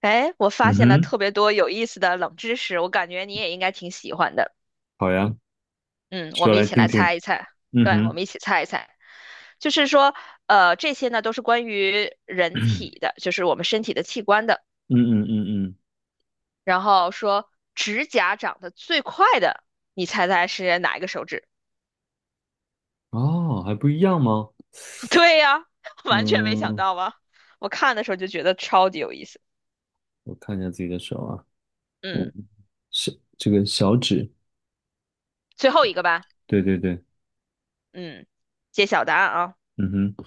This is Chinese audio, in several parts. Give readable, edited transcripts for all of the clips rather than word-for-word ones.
哎，我发嗯现了哼，特别多有意思的冷知识，我感觉你也应该挺喜欢的。好呀，嗯，我说们一来起听来猜听。一猜。嗯对，我哼，们一起猜一猜。就是说，这些呢都是关于 人嗯体的，就是我们身体的器官的。嗯嗯嗯，然后说，指甲长得最快的，你猜猜是哪一个手指？哦，还不一样吗？对呀，完全没想嗯，到吧？我看的时候就觉得超级有意思。我看一下自己的手啊，嗯，小这个小指，最后一个吧。对对对，嗯，揭晓答案啊，嗯哼，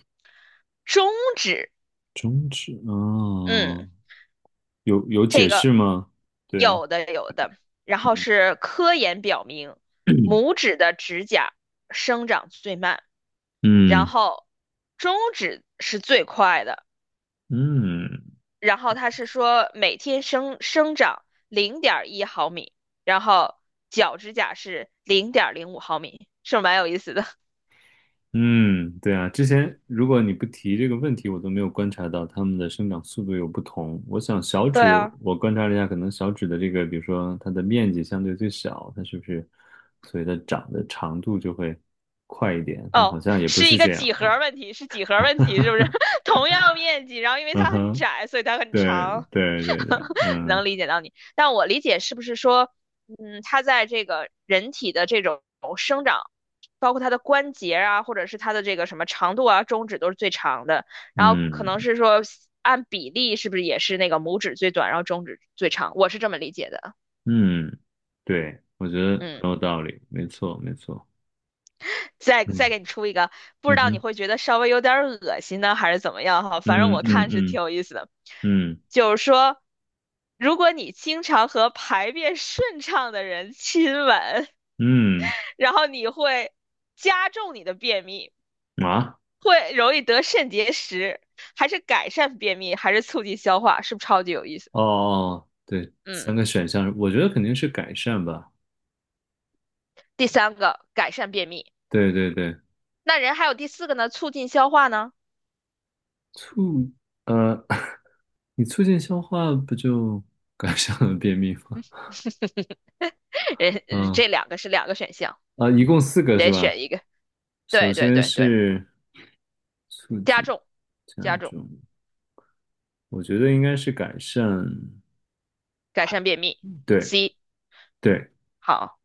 中指。中指啊，嗯。哦有解这个释吗？对，有的有的，然后嗯 是科研表明，拇指的指甲生长最慢，然嗯后中指是最快的，嗯，然后它是说每天生长0.1毫米，然后脚指甲是0.05毫米，是不是蛮有意思的？嗯，对啊，之前如果你不提这个问题，我都没有观察到它们的生长速度有不同。我想小对指，啊，我观察了一下，可能小指的这个，比如说它的面积相对最小，它是不是，所以它长的长度就会快一点？但哦，好像也不是一是个这样。几何问题，是几何问题，是不是？同样面积，然后因为嗯它很哼，窄，所以它很对长。对对对，嗯能理解到你，但我理解是不是说，嗯，它在这个人体的这种生长，包括它的关节啊，或者是它的这个什么长度啊，中指都是最长的，然后可能嗯是说按比例是不是也是那个拇指最短，然后中指最长，我是这么理解的，嗯，对，我觉得嗯。很有道理，没错没错，再嗯给你出一个，不知嗯道你哼，会觉得稍微有点儿恶心呢，还是怎么样哈？反正嗯我嗯看是挺嗯有意思的，嗯就是说，如果你经常和排便顺畅的人亲吻，嗯 然后你会加重你的便秘，啊。会容易得肾结石，还是改善便秘，还是促进消化？是不是超级有意思？哦，哦，对，嗯，三个选项，我觉得肯定是改善吧。第三个改善便秘，对对对，那人还有第四个呢，促进消化呢？促，呃，你促进消化不就 改善了便秘吗？人嗯这两个是两个选项，啊，一共四个你是得吧？选一个。首对对先对对。是促加进重，加加重，重，我觉得应该是改善。改善便秘。对 C。 对，好，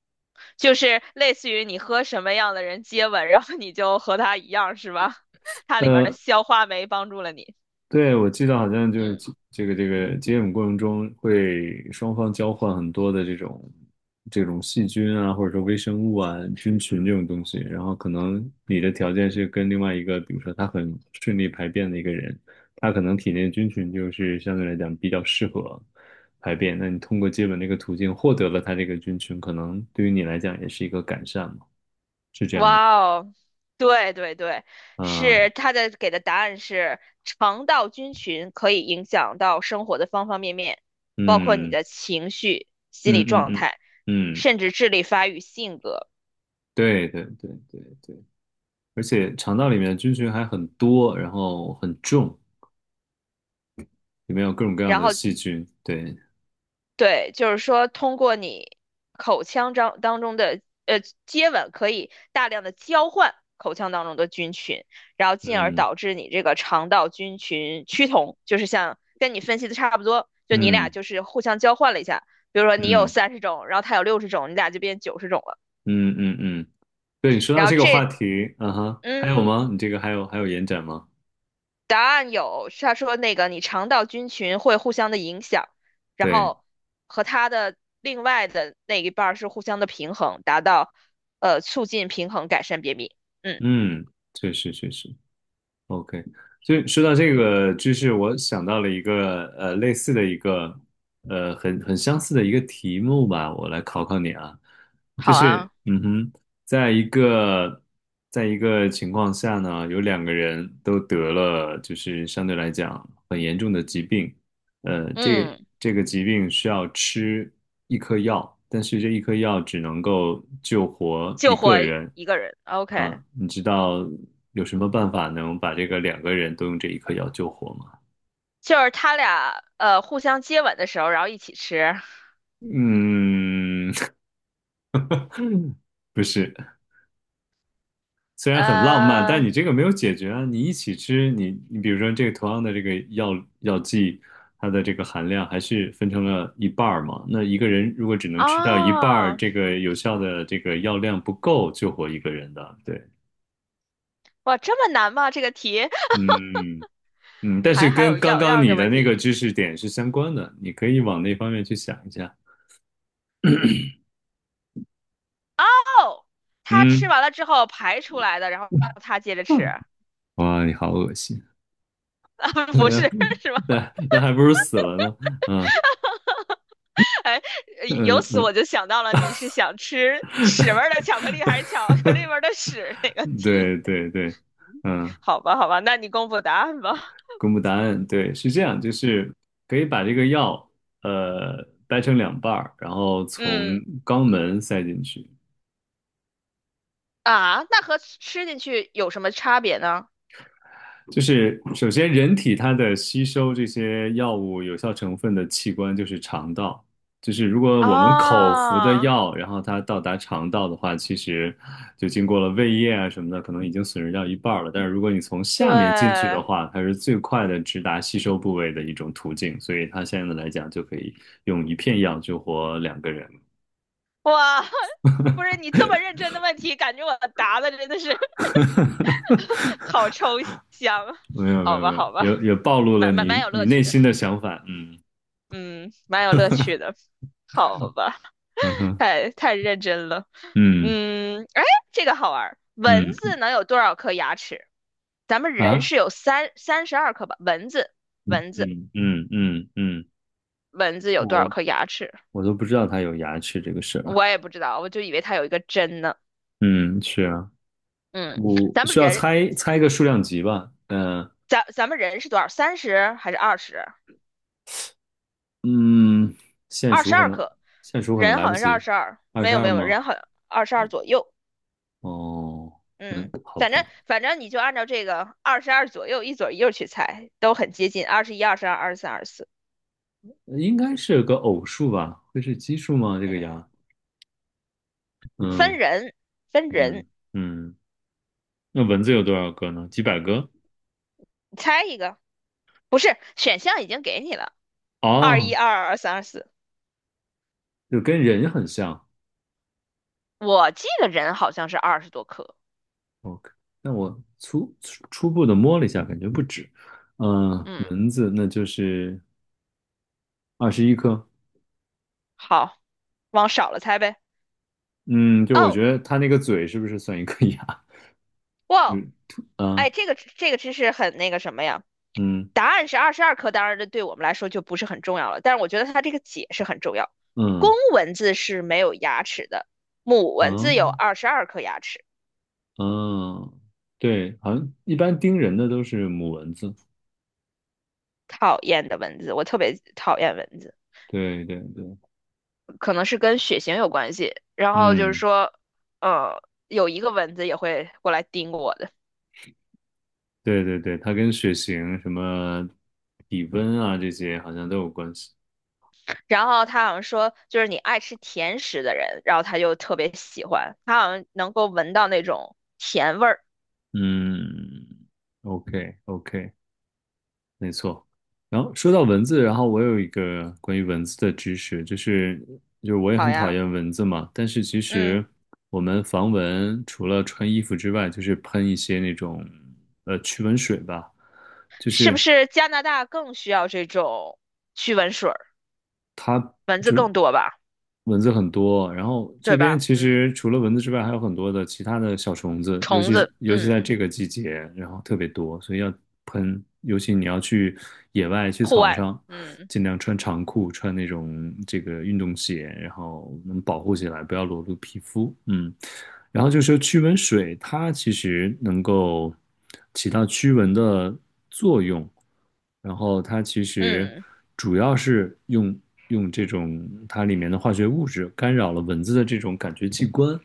就是类似于你和什么样的人接吻，然后你就和他一样，是吧？它里边的呃。消化酶帮助了你。对，我记得好像就是嗯，这个接吻过程中会双方交换很多的这种细菌啊，或者说微生物啊、菌群这种东西，然后可能你的条件是跟另外一个，比如说他很顺利排便的一个人，他可能体内菌群就是相对来讲比较适合排便，那你通过接吻这个途径获得了他这个菌群，可能对于你来讲也是一个改善嘛，是这样吗？哇哦，对对对，啊，是它的给的答案是肠道菌群可以影响到生活的方方面面，包括你嗯的情绪、心嗯理嗯状嗯态，嗯，甚至智力发育、性格。对对对对对。而且肠道里面的菌群还很多，然后很重，里面有各种各样然的后细菌。对，对，就是说通过你口腔当中的接吻，可以大量的交换口腔当中的菌群，然后进而嗯导致你这个肠道菌群趋同，就是像跟你分析的差不多，就你俩嗯就是互相交换了一下，比如说你有嗯30种，然后他有60种，你俩就变90种了，嗯嗯嗯，对你说到然后这个话题，啊哈，还有嗯吗？你这个还有延展吗？答案有，他说那个你肠道菌群会互相的影响，然对，后和它的另外的那一半儿是互相的平衡，达到促进平衡，改善便秘。嗯，嗯，确实确实，OK，所以说到这个知识，我想到了一个类似的一个很相似的一个题目吧，我来考考你啊，就好啊，是嗯哼，在一个在一个情况下呢，有两个人都得了就是相对来讲很严重的疾病，这嗯，这个疾病需要吃一颗药，但是这一颗药只能够救活一救活个人一个人，OK,啊，你知道有什么办法能把这个两个人都用这一颗药救活吗？就是他俩互相接吻的时候，然后一起吃，嗯，不是。虽然很浪漫，但呃，你这个没有解决啊。你一起吃，你比如说这个同样的这个药剂，它的这个含量还是分成了一半儿嘛。那一个人如果只能吃掉一半儿，哦，这个有效的这个药量不够救活一个人的。对，哇，这么难吗？这个题 嗯嗯，但是还跟有刚药刚药这你的问那题个知识点是相关的，你可以往那方面去想一下。哦，他吃嗯，完了之后排出来的，然后他接着吃。嗯哇，你好恶心，啊，不是那是吧？那还不如死了呢。嗯哎，由嗯此嗯。我就想到了，你是想吃屎味儿的 巧克力还是巧克力味儿的屎那 个题？对对对，嗯，好吧，好吧，那你公布答案吧。公布答案，对，是这嗯样，就是可以把这个药，掰成两半儿，然后从嗯肛门塞进去，啊，那和吃进去有什么差别呢？就是首先，人体它的吸收这些药物有效成分的器官就是肠道。就是如果我们口服的啊，药，然后它到达肠道的话，其实就经过了胃液啊什么的，可能已经损失掉一半儿了。但是如果你从下面进去对，的话，它是最快的直达吸收部位的一种途径。所以它现在来讲，就可以用一片药救活两个人。哇，不是你这么认真的问题，感觉我答的真的是 好抽象。没有没好有吧，没有，好吧，也暴露了蛮你有你乐内趣的，心的想法。嗯嗯，蛮有乐趣的。好吧，嗯 哼太认真了。嗯嗯，哎，这个好玩儿。蚊嗯子能有多少颗牙齿？咱们人啊。是有三十二颗吧？蚊子，嗯嗯嗯嗯，蚊子有多少我颗牙齿？我都不知道它有牙齿这个事儿。我也不知道，我就以为它有一个针呢。嗯，是啊，嗯，我咱们需要人，猜猜一个数量级吧。嗯咱们人是多少？三十还是二十？嗯，现二十数可二能颗。现数可能人来好不像是二及，十二，二没十有没二有，吗？人好像二十二左右。哦，嗯，嗯，好反正吧，反正你就按照这个二十二左右一左一右去猜，都很接近，21、22、23、24。应该是个偶数吧？会是奇数吗？这个嗯，牙？分嗯人，分人，嗯嗯，那蚊子有多少个呢？几百个？你猜一个，不是，选项已经给你了，二一、哦，二二、二三、二四。就跟人很像。我记得人好像是20多颗。OK，那我初步的摸了一下，感觉不止。嗯、嗯，蚊子那就是21颗。好，往少了猜呗。嗯，就我哦，觉得它那个嘴是不是算一颗牙？就哇，是，吐啊，哎，这个知识很那个什么呀？嗯答案是二十二颗，当然这对我们来说就不是很重要了，但是我觉得它这个解释很重要。公嗯蚊子是没有牙齿的，母蚊子有嗯22颗牙齿。嗯，对，好像一般叮人的都是母蚊子。讨厌的蚊子，我特别讨厌蚊子。对对对，可能是跟血型有关系。然后就是嗯，说，呃，有一个蚊子也会过来叮我的。对对对，它跟血型、什么体温啊这些好像都有关系。然后他好像说，就是你爱吃甜食的人，然后他就特别喜欢，他好像能够闻到那种甜味儿。嗯，OK OK，没错，然后说到文字，然后我有一个关于文字的知识，就是就是我也好很讨呀，厌蚊子嘛，但是其嗯，实我们防蚊除了穿衣服之外，就是喷一些那种驱蚊水吧，就是不是是加拿大更需要这种驱蚊水儿？蚊子就是更多吧，蚊子很多，然后这对边吧？其嗯，实除了蚊子之外，还有很多的其他的小虫子，尤虫其子，尤其在嗯，这个季节，然后特别多，所以要喷。尤其你要去野外、去户草外，上，嗯尽量穿长裤，穿那种这个运动鞋，然后能保护起来，不要裸露皮肤。嗯，然后就是说驱蚊水，它其实能够起到驱蚊的。然后它其实嗯，主要是用这种它里面的化学物质干扰了蚊子的这种感觉器官，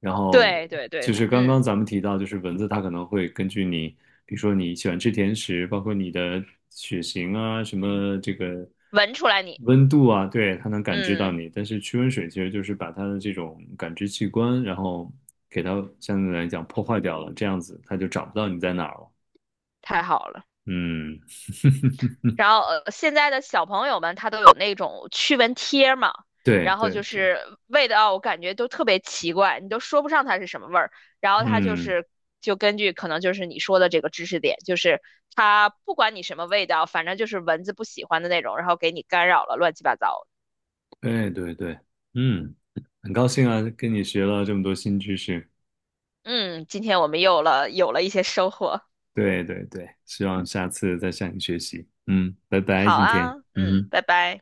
然后对对就对，是刚嗯，刚咱们提到，就是蚊子它可能会根据你，比如说你喜欢吃甜食，包括你的血型啊，什么这个闻出来你，温度啊，对，它能感知到嗯，你。但是驱蚊水其实就是把它的这种感知器官，然后给它相对来讲破坏掉了，这样子它就找不到你在哪儿了。太好了。嗯，然后现在的小朋友们他都有那种驱蚊贴嘛，对然后对就对。是味道我感觉都特别奇怪，你都说不上它是什么味儿。然后它就嗯，是就根据可能就是你说的这个知识点，就是它不管你什么味道，反正就是蚊子不喜欢的那种，然后给你干扰了，乱七八糟的。对对对，嗯，很高兴啊，跟你学了这么多新知识。嗯，今天我们又有了一些收获。对对对，希望下次再向你学习。嗯，拜拜，好今天。啊，嗯嗯，拜哼。拜。